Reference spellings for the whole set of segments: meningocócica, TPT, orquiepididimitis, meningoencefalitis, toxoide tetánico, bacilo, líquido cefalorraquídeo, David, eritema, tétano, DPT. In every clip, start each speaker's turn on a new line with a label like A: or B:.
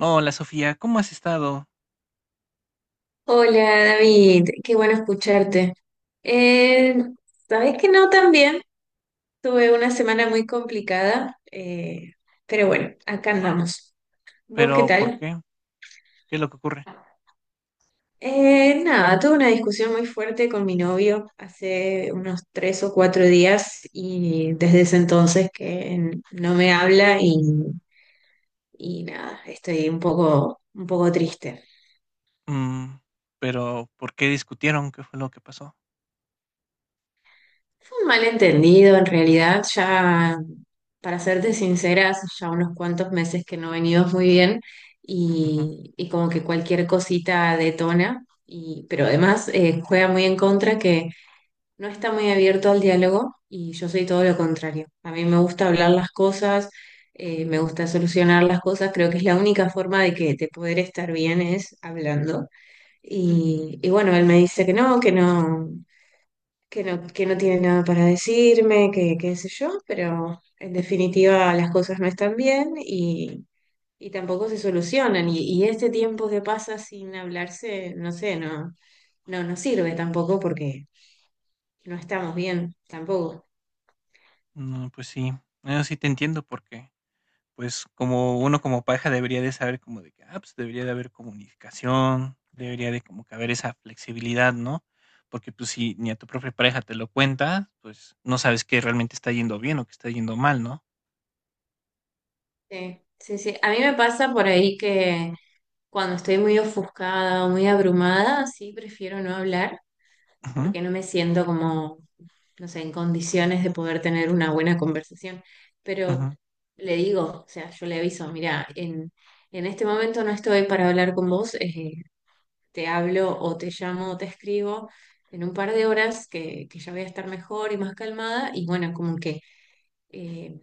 A: Hola Sofía, ¿cómo has estado?
B: Hola David, qué bueno escucharte. Eh, sabes que no también, tuve una semana muy complicada, pero bueno, acá andamos. ¿Vos qué
A: ¿Pero por
B: tal?
A: qué? ¿Qué es lo que ocurre?
B: Nada, tuve una discusión muy fuerte con mi novio hace unos tres o cuatro días y desde ese entonces que no me habla y nada, estoy un poco triste.
A: Mm, ¿pero por qué discutieron? ¿Qué fue lo que pasó?
B: Fue un malentendido, en realidad, ya, para serte sincera, hace ya unos cuantos meses que no venimos muy bien
A: Ujú.
B: y como que cualquier cosita detona, y, pero además juega muy en contra que no está muy abierto al diálogo y yo soy todo lo contrario. A mí me gusta hablar las cosas, me gusta solucionar las cosas, creo que es la única forma de que de poder estar bien es hablando. Y bueno, él me dice que no, que no, que no tiene nada para decirme, que qué sé yo, pero en definitiva las cosas no están bien y tampoco se solucionan. Y este tiempo que pasa sin hablarse, no sé, no, no nos sirve tampoco porque no estamos bien tampoco.
A: No, pues sí, no, sí te entiendo porque, pues como uno como pareja debería de saber como de que, ah, pues debería de haber comunicación, debería de como que haber esa flexibilidad, ¿no? Porque pues si ni a tu propia pareja te lo cuenta, pues no sabes que realmente está yendo bien o que está yendo mal, ¿no?
B: Sí, sí, sí. A mí me pasa por ahí que cuando estoy muy ofuscada o muy abrumada, sí prefiero no hablar
A: Ujú,
B: porque no me siento como no sé, en condiciones de poder tener una buena conversación. Pero
A: ujú.
B: le digo, o sea, yo le aviso, mira, en este momento no estoy para hablar con vos, te hablo o te llamo o te escribo en un par de horas que ya voy a estar mejor y más calmada. Y bueno, como que eh,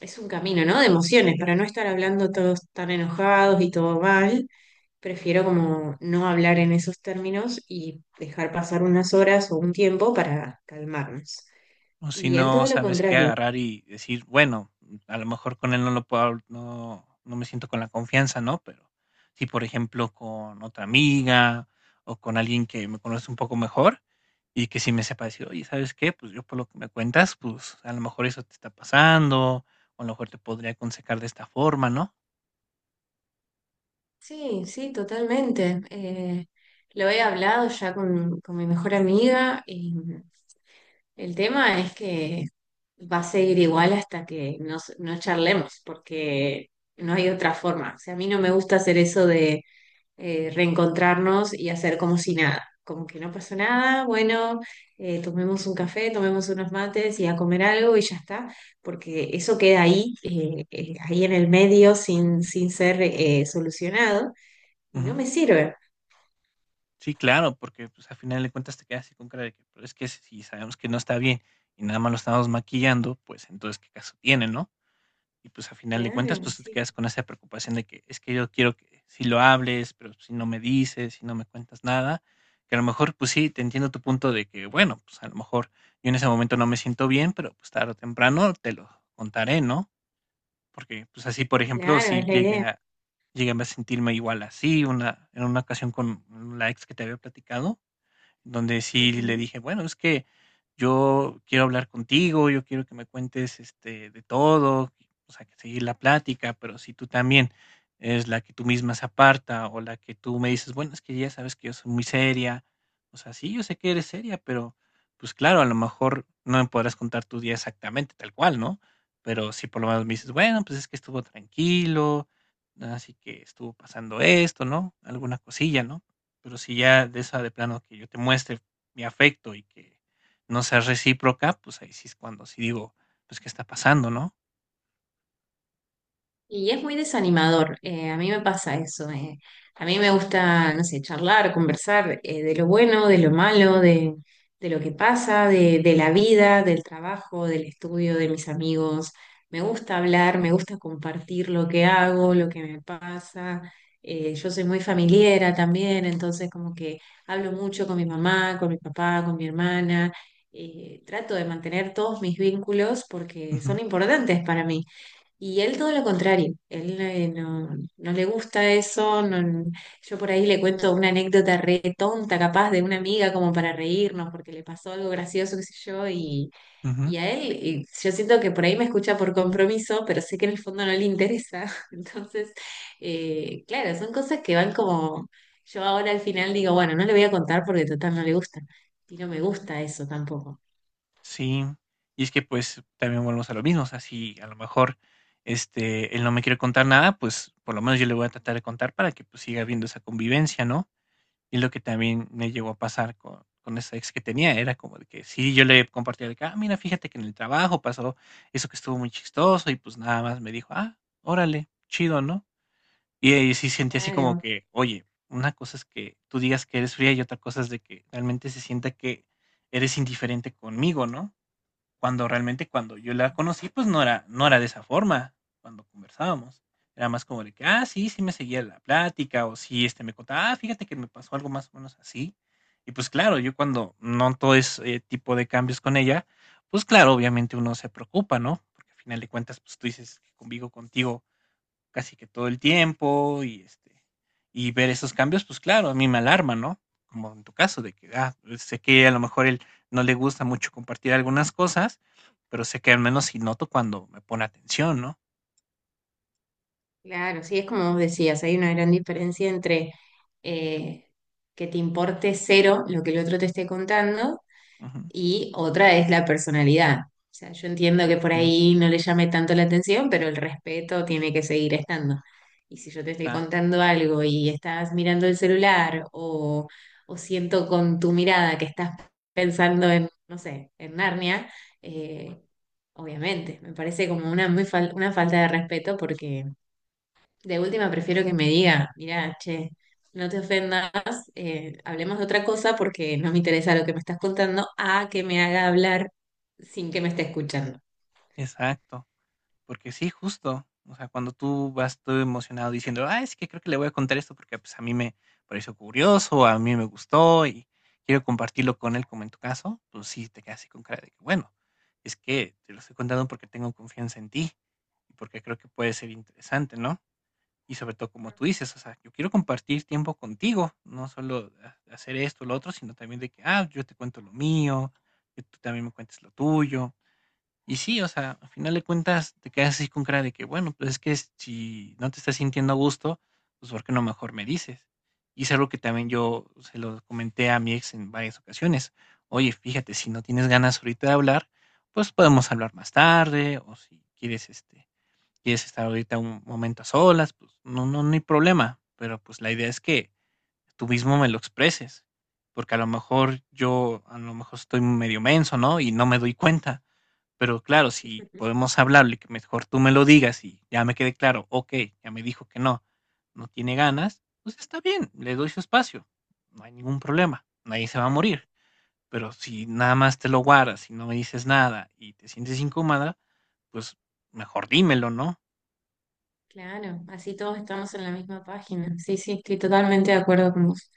B: es un camino, ¿no? De emociones, para no estar hablando todos tan enojados y todo mal. Prefiero como no hablar en esos términos y dejar pasar unas horas o un tiempo para calmarnos.
A: O si
B: Y él
A: no
B: todo lo
A: sabes qué
B: contrario.
A: agarrar y decir, bueno, a lo mejor con él no lo puedo, no, no me siento con la confianza, ¿no? Pero si, por ejemplo, con otra amiga o con alguien que me conoce un poco mejor y que sí me sepa decir, oye, ¿sabes qué? Pues yo por lo que me cuentas, pues a lo mejor eso te está pasando, o a lo mejor te podría aconsejar de esta forma, ¿no?
B: Sí, sí, totalmente. Lo he hablado ya con mi mejor amiga y el tema es que va a seguir igual hasta que no charlemos, porque no hay otra forma. O sea, a mí no me gusta hacer eso reencontrarnos y hacer como si nada, como que no pasó nada, bueno, tomemos un café, tomemos unos mates y a comer algo y ya está, porque eso queda ahí, ahí en el medio sin, sin ser solucionado y no
A: Ujú.
B: me sirve.
A: Sí, claro, porque pues al final de cuentas te quedas así con cara de que, pero es que si sabemos que no está bien y nada más lo estamos maquillando, pues entonces, ¿qué caso tiene, no? Y pues, a final de cuentas,
B: Claro,
A: pues, tú te
B: sí,
A: quedas con esa preocupación de que es que yo quiero que si lo hables, pero si no me dices, si no me cuentas nada, que a lo mejor, pues sí, te entiendo tu punto de que, bueno, pues, a lo mejor yo en ese momento no me siento bien, pero, pues, tarde o temprano te lo contaré, ¿no? Porque, pues, así, por ejemplo,
B: claro,
A: sí
B: es la
A: llegué
B: idea.
A: a llegué a sentirme igual así, una en una ocasión con la ex que te había platicado donde sí le
B: Ujú,
A: dije, bueno, es que yo quiero hablar contigo, yo quiero que me cuentes este, de todo, o sea, que seguir la plática, pero si tú también es la que tú misma se aparta o la que tú me dices, bueno, es que ya sabes que yo soy muy seria, o sea, sí, yo sé que eres seria, pero pues claro, a lo mejor no me podrás contar tu día exactamente tal cual, ¿no? Pero si por lo menos me dices,
B: ujú.
A: bueno, pues es que estuvo tranquilo, así que estuvo pasando esto, ¿no? Alguna cosilla, ¿no? Pero si ya de esa de plano que yo te muestre mi afecto y que no sea recíproca, pues ahí sí es cuando sí digo, pues, ¿qué está pasando, no?
B: Y es muy desanimador, a mí me pasa eso. A mí me gusta, no sé, charlar, conversar de lo bueno, de lo malo, de lo que pasa, de la vida, del trabajo, del estudio, de mis amigos. Me gusta hablar, me gusta compartir lo que hago, lo que me pasa. Yo soy muy familiera también, entonces como que hablo mucho con mi mamá, con mi papá, con mi hermana. Trato de mantener todos mis vínculos porque
A: Ujú,
B: son importantes para mí. Y él todo lo contrario, él no, no le gusta eso, yo por ahí le cuento una anécdota re tonta capaz de una amiga como para reírnos porque le pasó algo gracioso, qué sé yo,
A: ujú.
B: y a él y yo siento que por ahí me escucha por compromiso, pero sé que en el fondo no le interesa. Entonces, claro, son cosas que van como, yo ahora al final digo, bueno, no le voy a contar porque total no le gusta, y no me gusta eso tampoco.
A: Sí. Y es que, pues, también volvemos a lo mismo, o sea, si a lo mejor, este, él no me quiere contar nada, pues, por lo menos yo le voy a tratar de contar para que, pues, siga habiendo esa convivencia, ¿no? Y lo que también me llegó a pasar con esa ex que tenía, era como de que sí, yo le compartía de que: "Ah, mira, fíjate que en el trabajo pasó eso que estuvo muy chistoso", y pues nada más me dijo: "Ah, órale, chido", ¿no? Y ahí sí sentí así como
B: Claro.
A: que, oye, una cosa es que tú digas que eres fría y otra cosa es de que realmente se sienta que eres indiferente conmigo, ¿no? Cuando realmente cuando yo la conocí, pues no era, no era de esa forma cuando conversábamos. Era más como de que, ah, sí, sí me seguía la plática, o sí, este me contaba, ah, fíjate que me pasó algo más o menos así. Y pues claro, yo cuando noto ese tipo de cambios con ella, pues claro, obviamente uno se preocupa, ¿no? Porque al final de cuentas, pues tú dices que convivo contigo casi que todo el tiempo y este y ver esos cambios, pues claro, a mí me alarma, ¿no? Como en tu caso de que ah, sé que a lo mejor él no le gusta mucho compartir algunas cosas, pero sé que al menos sí noto cuando me pone atención, ¿no?
B: Claro, sí, es como vos decías, hay una gran diferencia entre eh, que te importe cero lo que el otro te esté contando
A: Ujú,
B: y otra es la personalidad. O sea, yo entiendo que por
A: ujú,
B: ahí no le llame tanto la atención, pero el respeto tiene que seguir estando. Y si yo te estoy
A: exacto,
B: contando algo y estás mirando el celular o siento con tu mirada que estás pensando en, no sé, en Narnia, eh, obviamente, me parece como una, una falta de respeto porque de última prefiero que me diga, mirá, che, no te ofendas, hablemos de otra cosa porque no me interesa lo que me estás contando, a que me haga hablar sin que me esté escuchando.
A: exacto. Porque sí, justo. O sea, cuando tú vas todo emocionado diciendo, ah, es que creo que le voy a contar esto porque pues a mí me pareció curioso, a mí me gustó y quiero compartirlo con él como en tu caso, pues sí, te quedas así con cara de que, bueno, es que te lo estoy contando porque tengo confianza en ti y porque creo que puede ser interesante, ¿no? Y sobre todo como tú dices, o sea, yo quiero compartir tiempo contigo, no solo hacer esto o lo otro, sino también de que, ah, yo te cuento lo mío, que tú también me cuentes lo tuyo y sí, o sea, al final de cuentas te quedas así con cara de que, bueno, pues es que si no te estás sintiendo a gusto, pues ¿por qué no mejor me dices? Y es algo que también yo se lo comenté a mi ex en varias ocasiones. Oye, fíjate, si no tienes ganas ahorita de hablar, pues podemos hablar más tarde, o si quieres, este, quieres estar ahorita un momento a solas, pues no, no, no hay problema. Pero pues la idea es que tú mismo me lo expreses, porque a lo mejor yo, a lo mejor estoy medio menso, ¿no? Y no me doy cuenta pero claro, si podemos hablarlo y que mejor tú me lo digas y ya me quede claro, okey, ya me dijo que no, no tiene ganas, pues está bien, le doy su espacio, no hay ningún problema, nadie se va a
B: Claro,
A: morir. Pero si nada más te lo guardas y no me dices nada y te sientes incómoda, pues mejor dímelo, ¿no?
B: claro, así todos estamos en la misma página. Sí, sí, estoy totalmente de acuerdo con vos.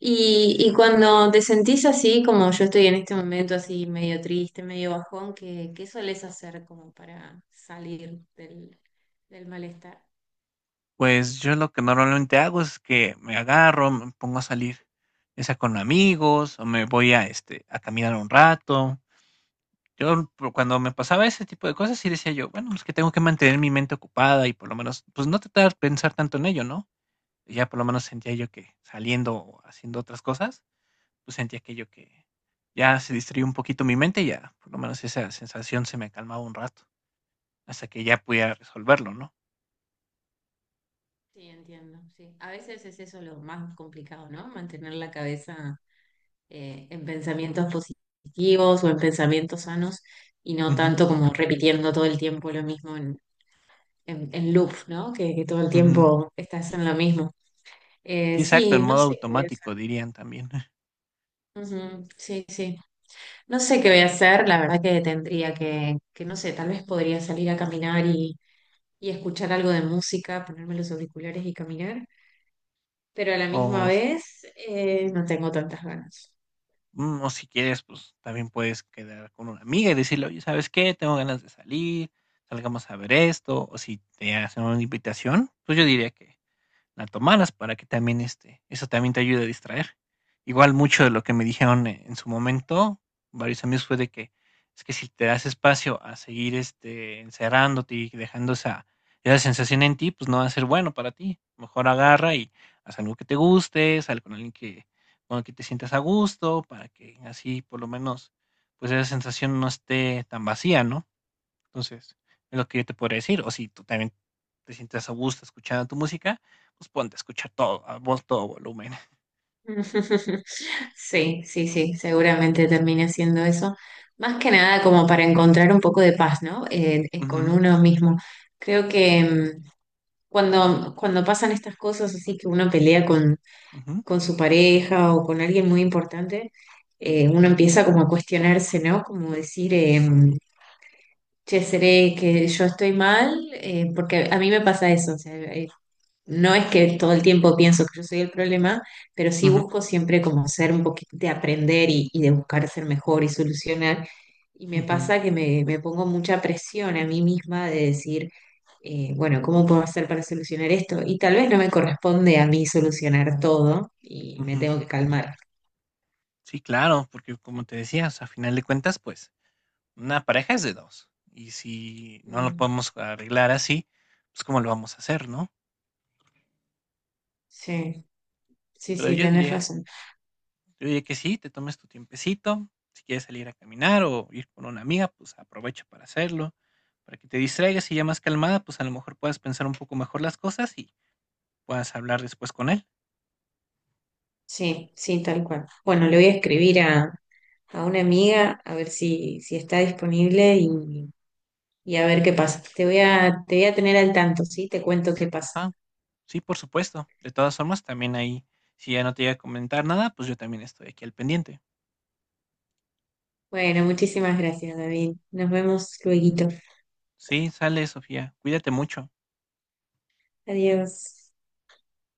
B: Y
A: Exacto.
B: cuando te sentís así, como yo estoy en este momento, así medio triste, medio bajón, ¿qué, qué solés hacer como para salir del malestar?
A: Pues yo lo que normalmente hago es que me agarro, me pongo a salir, ya sea con amigos o me voy a, este, a caminar un rato. Yo, cuando me pasaba ese tipo de cosas, sí decía yo, bueno, es que tengo que mantener mi mente ocupada y por lo menos, pues no tratar de pensar tanto en ello, ¿no? Ya por lo menos sentía yo que saliendo o haciendo otras cosas, pues sentía aquello que ya se distraía un poquito mi mente y ya por lo menos esa sensación se me calmaba un rato, hasta que ya pudiera resolverlo, ¿no?
B: Sí, entiendo, sí. A veces es eso lo más complicado, ¿no? Mantener la cabeza en pensamientos positivos o en pensamientos sanos y no
A: Ujú,
B: tanto como repitiendo todo el tiempo lo mismo en loop, ¿no? Que todo el
A: ujú.
B: tiempo estás en lo mismo.
A: Sí, exacto, en
B: Sí, no
A: modo
B: sé qué voy a hacer.
A: automático dirían también.
B: Ujú, sí, sí. No sé qué voy a hacer. La verdad que tendría que no sé, tal vez podría salir a caminar y escuchar algo de música, ponerme los auriculares y caminar. Pero a la misma
A: O si
B: vez no tengo tantas ganas.
A: Mm, o si quieres, pues, también puedes quedar con una amiga y decirle: "Oye, ¿sabes qué? Tengo ganas de salir, salgamos a ver esto", o si te hacen una invitación, pues, yo diría que la tomaras para que también este, eso también te ayude a distraer. Igual mucho de lo que me dijeron en su momento, varios amigos, fue de que es que si te das espacio a seguir este, encerrándote y dejando esa, esa sensación en ti, pues no va a ser bueno para ti. Mejor agarra y haz algo que te guste, sal con alguien que, con el que te sientas a gusto, para que así por lo menos pues esa sensación no esté tan vacía, ¿no? Entonces, es lo que yo te podría decir. O si tú también te sientas a gusto escuchando tu música, pues ponte a escuchar todo, a vol todo volumen.
B: Sí, sí, sí, seguramente termine haciendo eso. Más que nada como para encontrar un poco de paz, ¿no? Con
A: Ujú,
B: uno mismo. Creo que cuando, cuando pasan estas cosas así que uno pelea
A: ujú,
B: con su pareja o con alguien muy importante, uno empieza como a cuestionarse, ¿no? Como decir, che, ¿seré que yo estoy mal? Porque a mí me pasa eso, o sea, no es que todo el tiempo pienso que yo soy el problema, pero sí
A: ujú,
B: busco siempre como ser un poquito de aprender y de buscar ser mejor y solucionar. Y me
A: ujú,
B: pasa que me pongo mucha presión a mí misma de decir, bueno, ¿cómo puedo hacer para solucionar esto? Y tal vez no me corresponde a mí solucionar todo y me
A: ujú.
B: tengo que calmar.
A: Sí, claro, porque como te decía, o sea, a final de cuentas, pues, una pareja es de 2 y si no lo
B: Mm,
A: podemos arreglar así, pues, ¿cómo lo vamos a hacer, no?
B: sí, sí,
A: Pero
B: sí, tenés razón.
A: yo diría que sí, te tomes tu tiempecito, si quieres salir a caminar o ir con una amiga, pues, aprovecha para hacerlo, para que te distraigas y ya más calmada, pues, a lo mejor puedas pensar un poco mejor las cosas y puedas hablar después con él.
B: Sí, sí, tal cual. Bueno, le voy a escribir a una amiga a ver si, si está disponible y a ver qué pasa. Te voy a tener al tanto, ¿sí? Te cuento qué pasa.
A: Ajá. Sí, por supuesto. De todas formas, también ahí, si ya no te llega a comentar nada, pues yo también estoy aquí al pendiente.
B: Bueno, muchísimas gracias, David. Nos vemos luego.
A: Sí, sale, Sofía. Cuídate mucho.
B: Adiós.